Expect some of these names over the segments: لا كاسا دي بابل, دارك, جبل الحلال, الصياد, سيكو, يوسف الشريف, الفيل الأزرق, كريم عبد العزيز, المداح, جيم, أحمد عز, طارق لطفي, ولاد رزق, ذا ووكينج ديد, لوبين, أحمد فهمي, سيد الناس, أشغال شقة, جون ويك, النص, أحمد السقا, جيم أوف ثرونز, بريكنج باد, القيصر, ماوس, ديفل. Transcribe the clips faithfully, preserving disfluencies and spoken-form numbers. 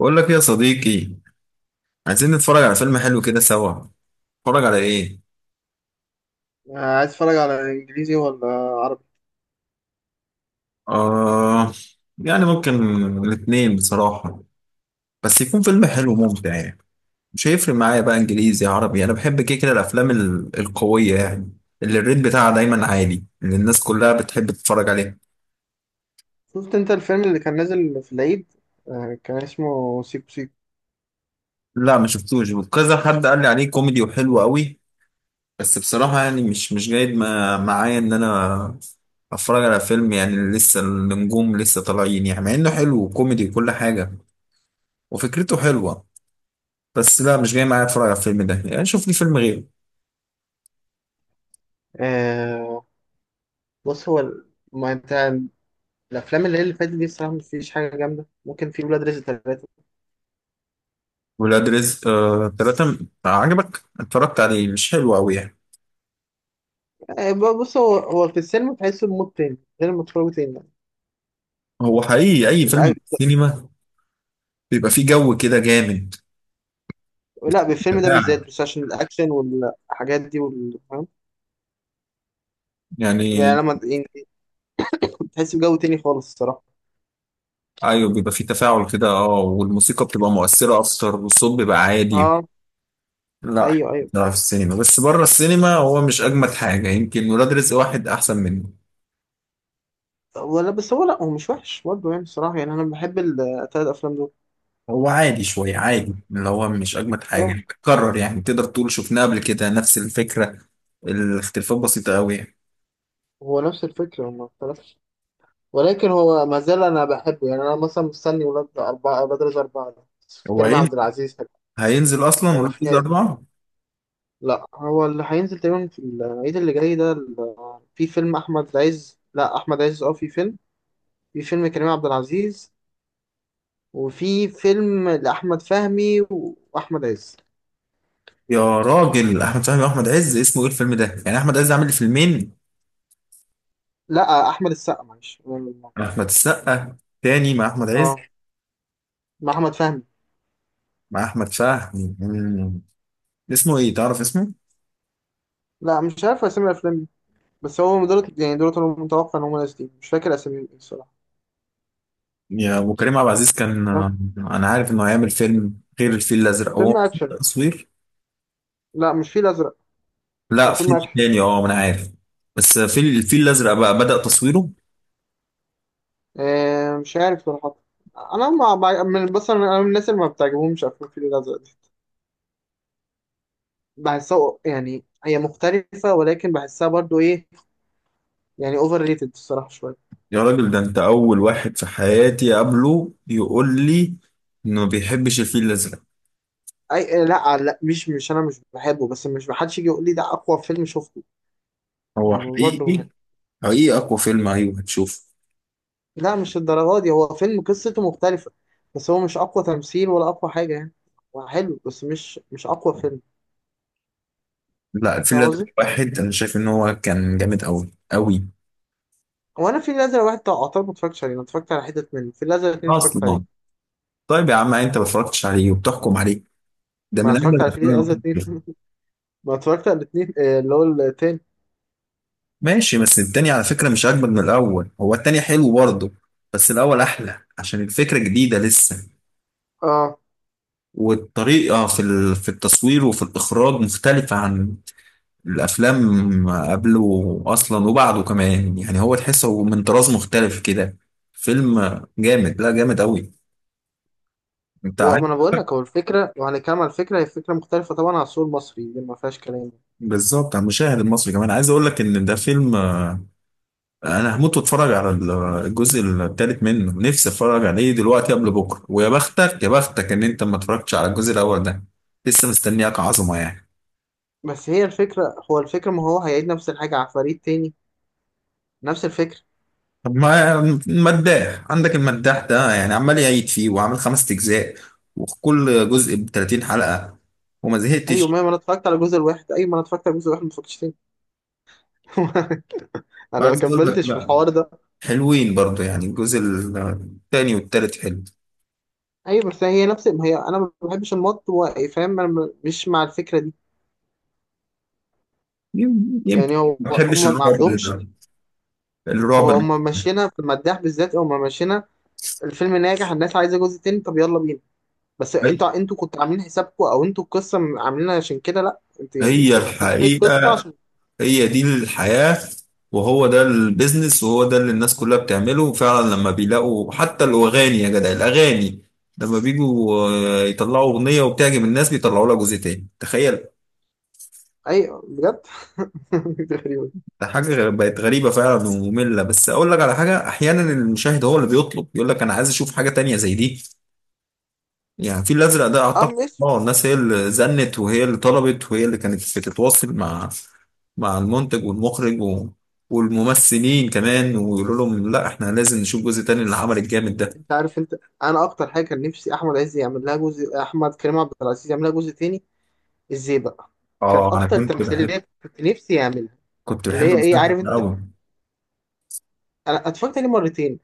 بقول لك إيه يا صديقي؟ عايزين نتفرج على فيلم حلو كده سوا. نتفرج على ايه؟ آه، عايز اتفرج على انجليزي ولا عربي؟ آه، يعني ممكن الاثنين بصراحة، بس يكون فيلم حلو ممتع يعني. مش هيفرق معايا بقى انجليزي عربي، انا بحب كده كده الافلام ال- القوية يعني، اللي الريت بتاعها دايما عالي، اللي الناس كلها بتحب تتفرج عليه. شفت انت الفيلم اللي كان نازل في العيد؟ آه، كان اسمه سيكو سيكو. لا ما شفتوش، وكذا حد قال لي عليه كوميدي وحلو قوي، بس بصراحة يعني مش مش جايد ما- معايا إن أنا أتفرج على فيلم يعني لسه النجوم لسه طالعين يعني، مع إنه حلو وكوميدي وكل حاجة وفكرته حلوة، بس لا مش جاي معايا أتفرج على الفيلم ده، يعني شوف لي فيلم غيره. آه، بص هو ال- ما انت الافلام اللي هي اللي فاتت دي الصراحه، مفيش حاجه جامده، ممكن في ولاد رزق ثلاثه. ولاد رزق آه تلاتة، م- عجبك؟ اتفرجت عليه مش حلو أوي يعني. آه، ب- بص هو هو في السينما تحسه بمود تاني غير لما تتفرجوا تاني يعني. هو حقيقي أي الأ- فيلم سينما بيبقى فيه جو كده جامد. لا، بالفيلم ده تفاعل بالذات بس عشان الاكشن والحاجات دي وال... فاهم؟ يعني. يعني لما يعني تحس بجو تاني خالص الصراحه. أيوه بيبقى فيه تفاعل كده، أه، والموسيقى بتبقى مؤثرة أكتر والصوت بيبقى عادي. اه، لا، ايوه ايوه. بصراحة في السينما، بس بره السينما هو مش أجمد حاجة، يمكن ولاد رزق واحد أحسن منه. ولا، بس هو لا، هو مش وحش برضه يعني الصراحه، يعني انا بحب الثلاث افلام هو عادي شوية، عادي، اللي هو مش أجمد دول. حاجة، بتكرر يعني، تقدر تقول شفناه قبل كده، نفس الفكرة، الاختلافات بسيطة أوي يعني. هو نفس الفكرة، هو ما اختلفش، ولكن هو ما زال أنا بحبه، يعني أنا مثلا مستني ولاد أربعة أولاد رزق أربعة ده، هو كريم هين- عبد العزيز هيبقى هينزل أصلا هيبقى ولاد رزق حكاية. أربعة. لا، هو اللي هينزل تقريبا في العيد اللي جاي ده ال- في فيلم أحمد عز، لا، أحمد عز أه، في فيلم، في فيلم كريم عبد العزيز، وفي فيلم لأحمد فهمي وأحمد عز. يا راجل، أحمد فهمي وأحمد عز اسمه إيه الفيلم ده؟ يعني أحمد عز عامل فيلمين. لا، أحمد السقا معلش. أحمد السقا تاني مع أحمد عز، أه، مع أحمد فهمي. مع أحمد فهمي. مم. اسمه إيه، تعرف اسمه؟ لا، مش عارف أسامي الأفلام دي. بس هو دول يعني دول أنا متوقع إن هم نازلين، مش فاكر أساميهم إيه الصراحة. يا ابو، كريم عبد العزيز كان، انا عارف انه هيعمل فيلم غير الفيل الازرق هو، فيلم اكشن. تصوير. لا، مش فيل ازرق، هو لا فيلم فيلم اكشن. تاني، اه ما انا عارف، بس فيل الفيل الازرق بقى بدأ تصويره. آه، مش عارف صراحه. انا ما ما- من بس انا أنا من الناس اللي ما بتعجبهمش افلام الفيل الازرق دي، بحسها يعني هي مختلفه، ولكن بحسها برضو ايه، يعني اوفر ريتد الصراحه شويه. يا راجل، ده انت اول واحد في حياتي اقابله يقول لي انه ما بيحبش الفيل الازرق. اي لا لا، مش مش انا مش بحبه، بس مش، محدش يجي يقول لي ده اقوى فيلم شفته هو يعني، برضو ما- حقيقي، حقيقي اقوى فيلم، ايوه هتشوفه. لا، مش الدرجه دي، هو فيلم قصته مختلفه، بس هو مش اقوى تمثيل ولا اقوى حاجه يعني، هو حلو بس مش مش اقوى فيلم، لا الفيل فاهم الازرق قصدي؟ واحد انا شايف ان هو كان جامد قوي قوي هو انا في الازرق واحد بتاع قطار ما اتفرجتش عليه، انا اتفرجت على حتت منه، في الازرق اتنين اتفرجت عليه. اصلا. طيب يا عم، انت ما اتفرجتش عليه وبتحكم عليه؟ ده ما من اجمل اتفرجت على في الافلام اللي الازرق ممكن اتنين تشوفها. ما اتفرجت على الاتنين، آه، اللي هو التاني. ماشي، بس التاني على فكرة مش أجمد من الأول، هو التاني حلو برضه، بس الأول أحلى عشان الفكرة جديدة لسه، اه. والطريقة في ال- في التصوير وفي الإخراج مختلفة عن الأفلام قبله أصلا وبعده كمان يعني، هو تحسه هو من طراز مختلف كده. فيلم جامد، لا جامد أوي، أنت هو، عارف. ما انا بقول لك، هو الفكره، لو هنتكلم على الفكره، هي فكره مختلفه طبعا عن السوق المصري، دي ما فيهاش كلام. بالظبط، على المشاهد المصري كمان، عايز أقول لك إن ده فيلم انا هموت واتفرج على الجزء الثالث منه، نفسي اتفرج عليه دلوقتي قبل بكره، ويا بختك يا بختك ان انت ما اتفرجتش على الجزء الاول ده، لسه مستنياك عظمه يعني. بس هي الفكره، هو الفكره، ما هو هيعيد نفس الحاجه على فريق تاني، نفس الفكره. طب ما المداح عندك، المداح ده يعني عمال يعيد فيه وعامل خمس اجزاء، وكل جزء ب ثلاثين حلقه وما ايوه زهقتش. ما ما انا اتفرجت على الجزء الواحد ايوه، ما انا اتفرجت على الجزء الواحد، ما اتفرجتش تاني انا ما عايز اقول لك كملتش في لا، الحوار ده. حلوين برضو يعني الجزء الثاني والثالث حلو. ايوه، بس هي نفس، ما هي انا ما بحبش المط و- فاهم، انا م- مش مع الفكره دي، يم- يمكن يعني هو، ما بحبش هم ما الرعب، عندهمش. الرعب. هو هما ماشيينها في المداح بالذات، هما ماشيينها، الفيلم ناجح، الناس عايزه جزء تاني، طب يلا بينا. بس، انتوا انتوا كنتوا عاملين حسابكم، او انتوا القصه عاملينها عشان كده، لا، انتوا يعني هي انتوا فاتحين القصه الحقيقة، عشان، هي دي الحياة، وهو ده البيزنس، وهو ده اللي الناس كلها بتعمله فعلا، لما بيلاقوا حتى الأغاني، يا جدع الأغاني لما بيجوا آه، يطلعوا أغنية وبتعجب الناس بيطلعوا لها جزء تاني، تخيل. ايوه بجد غريبة. ده حاجة غ- بقت غريبة فعلا ومملة، بس أقول لك على حاجة، أحيانا المشاهد هو اللي بيطلب يقول لك أنا عايز أشوف حاجة تانية زي دي، يعني الفيل الأزرق ده اه، أعتقد، ماشي. اه الناس هي اللي زنت وهي اللي طلبت وهي اللي كانت بتتواصل مع مع المنتج والمخرج و... والممثلين كمان، ويقولوا لهم لا احنا لازم نشوف جزء تاني للعمل الجامد ده. انت عارف انت، انا اكتر حاجه كان نفسي احمد عز يعمل لها جزء، احمد كريم عبد العزيز يعمل لها جزء تاني، ازاي بقى؟ كانت اه انا اكتر كنت بحب تمثيليه كنت نفسي يعملها، كنت اللي بحب هي ايه، المسلسل عارف ده انت، قوي، انا اتفرجت عليه مرتين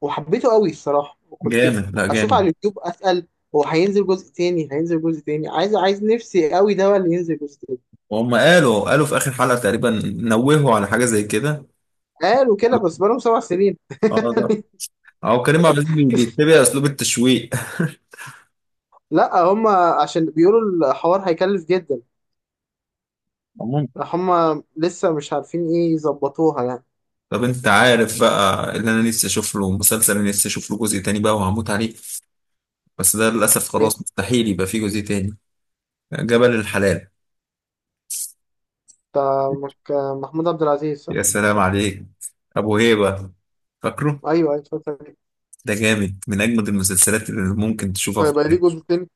وحبيته قوي الصراحه، وكنت جامد لا اشوف على جامد. اليوتيوب اسال، هو هينزل جزء تاني؟ هينزل جزء تاني، عايز عايز نفسي قوي ده هو اللي ينزل جزء تاني. وهم قالوا قالوا في اخر حلقة تقريبا نوهوا على حاجة زي كده. قالوا كده بس بقالهم سبع سنين اه، لا، يعني. اه كريم عبد العزيز بيتبع اسلوب التشويق لا هم، عشان بيقولوا الحوار هيكلف جدا، عموما، هم لسه مش عارفين ايه، يظبطوها يعني. طب انت عارف بقى، اللي انا نفسي اشوف له مسلسل، انا نفسي اشوف له جزء تاني بقى وهموت عليه، بس ده للأسف ايه، خلاص مستحيل يبقى فيه جزء تاني، جبل الحلال. بتاع مك- محمود عبد العزيز صح؟ يا سلام عليك، أبو هيبة، فاكره؟ ايوه ايوه، اتفرجت عليه. ده جامد من أجمد المسلسلات اللي ممكن بس تشوفها في هيبقى ليه حياتك. جزء تاني؟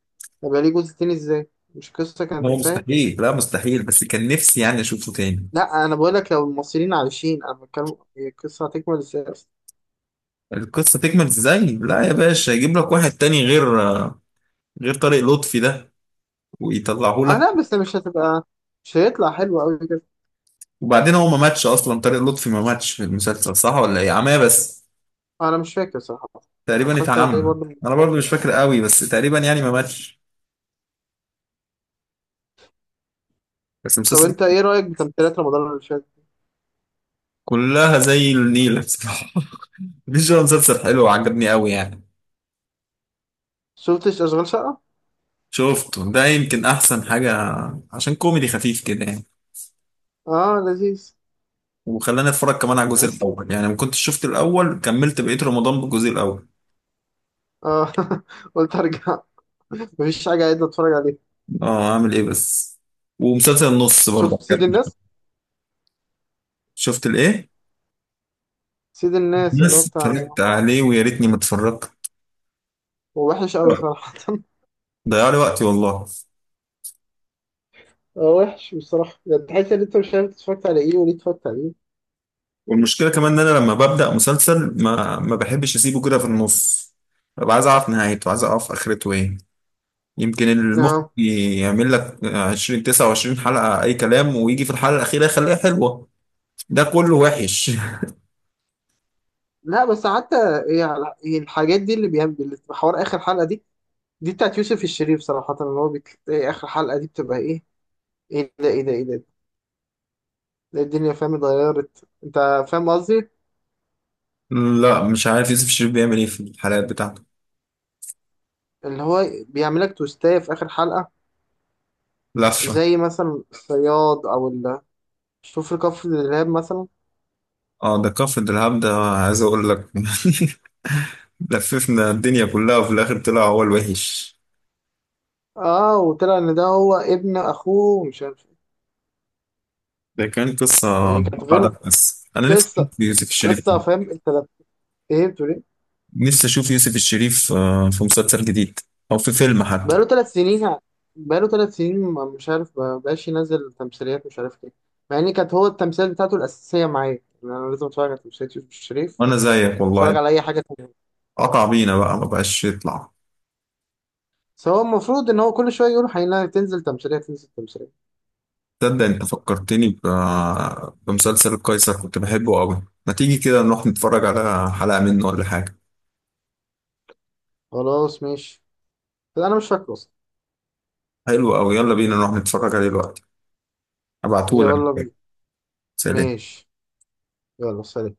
هيبقى ليه جزء تاني ازاي؟ مش قصة كانت هو انتهت. مستحيل، لا مستحيل، بس كان نفسي يعني أشوفه تاني. لا، انا بقول لك لو المصريين عايشين، انا بتكلم القصة هتكمل ازاي. القصة تكمل إزاي؟ لا يا باشا، يجيب لك واحد تاني غير، غير طارق لطفي ده، ويطلعه آه لك. لا، بس مش هتبقى، مش هيطلع حلو أوي كده. وبعدين هو ما ماتش أصلا، طارق لطفي ما ماتش في المسلسل، صح ولا إيه؟ عماه بس، أنا مش فاكر صراحة، أنا تقريبا اتفرجت عليه اتعمى. برضه من أنا برضو فترة مش يعني. فاكر قوي، بس تقريبا يعني ما ماتش، بس طب المسلسل. أنت إيه رأيك بتمثيلات رمضان اللي فات؟ كلها زي النيلة بصراحة مفيش. هو مسلسل حلو وعجبني قوي يعني، شفتش أشغال شقة؟ شفته ده يمكن أحسن حاجة، عشان كوميدي خفيف كده يعني، آه لذيذ، وخلاني أتفرج كمان على الجزء بس- الأول، يعني ما كنتش شفت الأول، كملت بقية رمضان بالجزء الأول. آه قلت أرجع، مفيش حاجة عايز أتفرج عليها. أه، أعمل إيه بس. ومسلسل النص برضه شفت سيد عجبني. الناس؟ شفت الإيه؟ سيد الناس اللي هو بس بتاع، اتفرجت عليه ويا ريتني ما اتفرجت، هو وحش أوي صراحة ضيع لي وقتي والله. هو وحش بصراحة، يعني تحس إن أنت مش عارف اتفرجت على إيه وليه اتفرجت عليه. والمشكلة كمان إن أنا لما ببدأ مسلسل ما ما بحبش أسيبه كده في النص، ببقى عايز أعرف نهايته، عايز أعرف آخرته إيه. يمكن المخ آه يعمل لك عشرين تسعة وعشرين حلقة أي كلام ويجي في الحلقة الأخيرة يخليها حلوة، ده كله وحش. لا بس حتى، هي هي الحاجات دي اللي بيعمل حوار آخر حلقة دي، دي بتاعت يوسف الشريف صراحة، اللي هو بتلاقي آخر حلقة دي بتبقى إيه، إيه ده، إيه ده، إيه ده، ده الدنيا فاهم اتغيرت أنت، فاهم قصدي؟ لا مش عارف يوسف الشريف بيعمل إيه في الحلقات بتاعته، اللي هو بيعملك توستاية في آخر حلقة، لفة. زي مثلا الصياد أو ال شوف الكفر الإرهاب مثلا. اه ده كفر دلهاب ده، عايز أقول لك لففنا الدنيا كلها وفي الآخر طلع هو الوحش. آه، وطلع إن ده هو ابن أخوه ومش عارف إيه. ده كان قصة يعني كانت غير، بعدها، بس أنا نفسي قصة أشوف يوسف الشريف، قصة، فاهم أنت، لو فهمت. نفسي أشوف يوسف الشريف آه، في مسلسل جديد أو في فيلم حتى. بقاله ثلاث سنين يعني. بقاله ثلاث سنين ما- مش عارف، ما بقاش ينزل تمثيليات، مش عارف ايه، مع ان كانت هو التمثيل بتاعته الاساسيه معايا، يعني انا لازم اتفرج على تمثيليات يوسف الشريف، وأنا زيك والله، اتفرج على اي حاجه تانية. قطع بينا بقى ما بقاش يطلع. بس هو المفروض ان هو كل شويه يقول هينزل، تنزل تمثيليه تنزل تمثيليه. تصدق انت فكرتني ب... بمسلسل القيصر، كنت بحبه قوي. ما تيجي كده نروح نتفرج على حلقة منه ولا حاجة؟ خلاص ماشي، انا مش فاكره اصلا. حلو قوي، يلا بينا نروح نتفرج عليه دلوقتي، هبعتهولك، يلا بينا. سلام. ماشي، يلا سلام.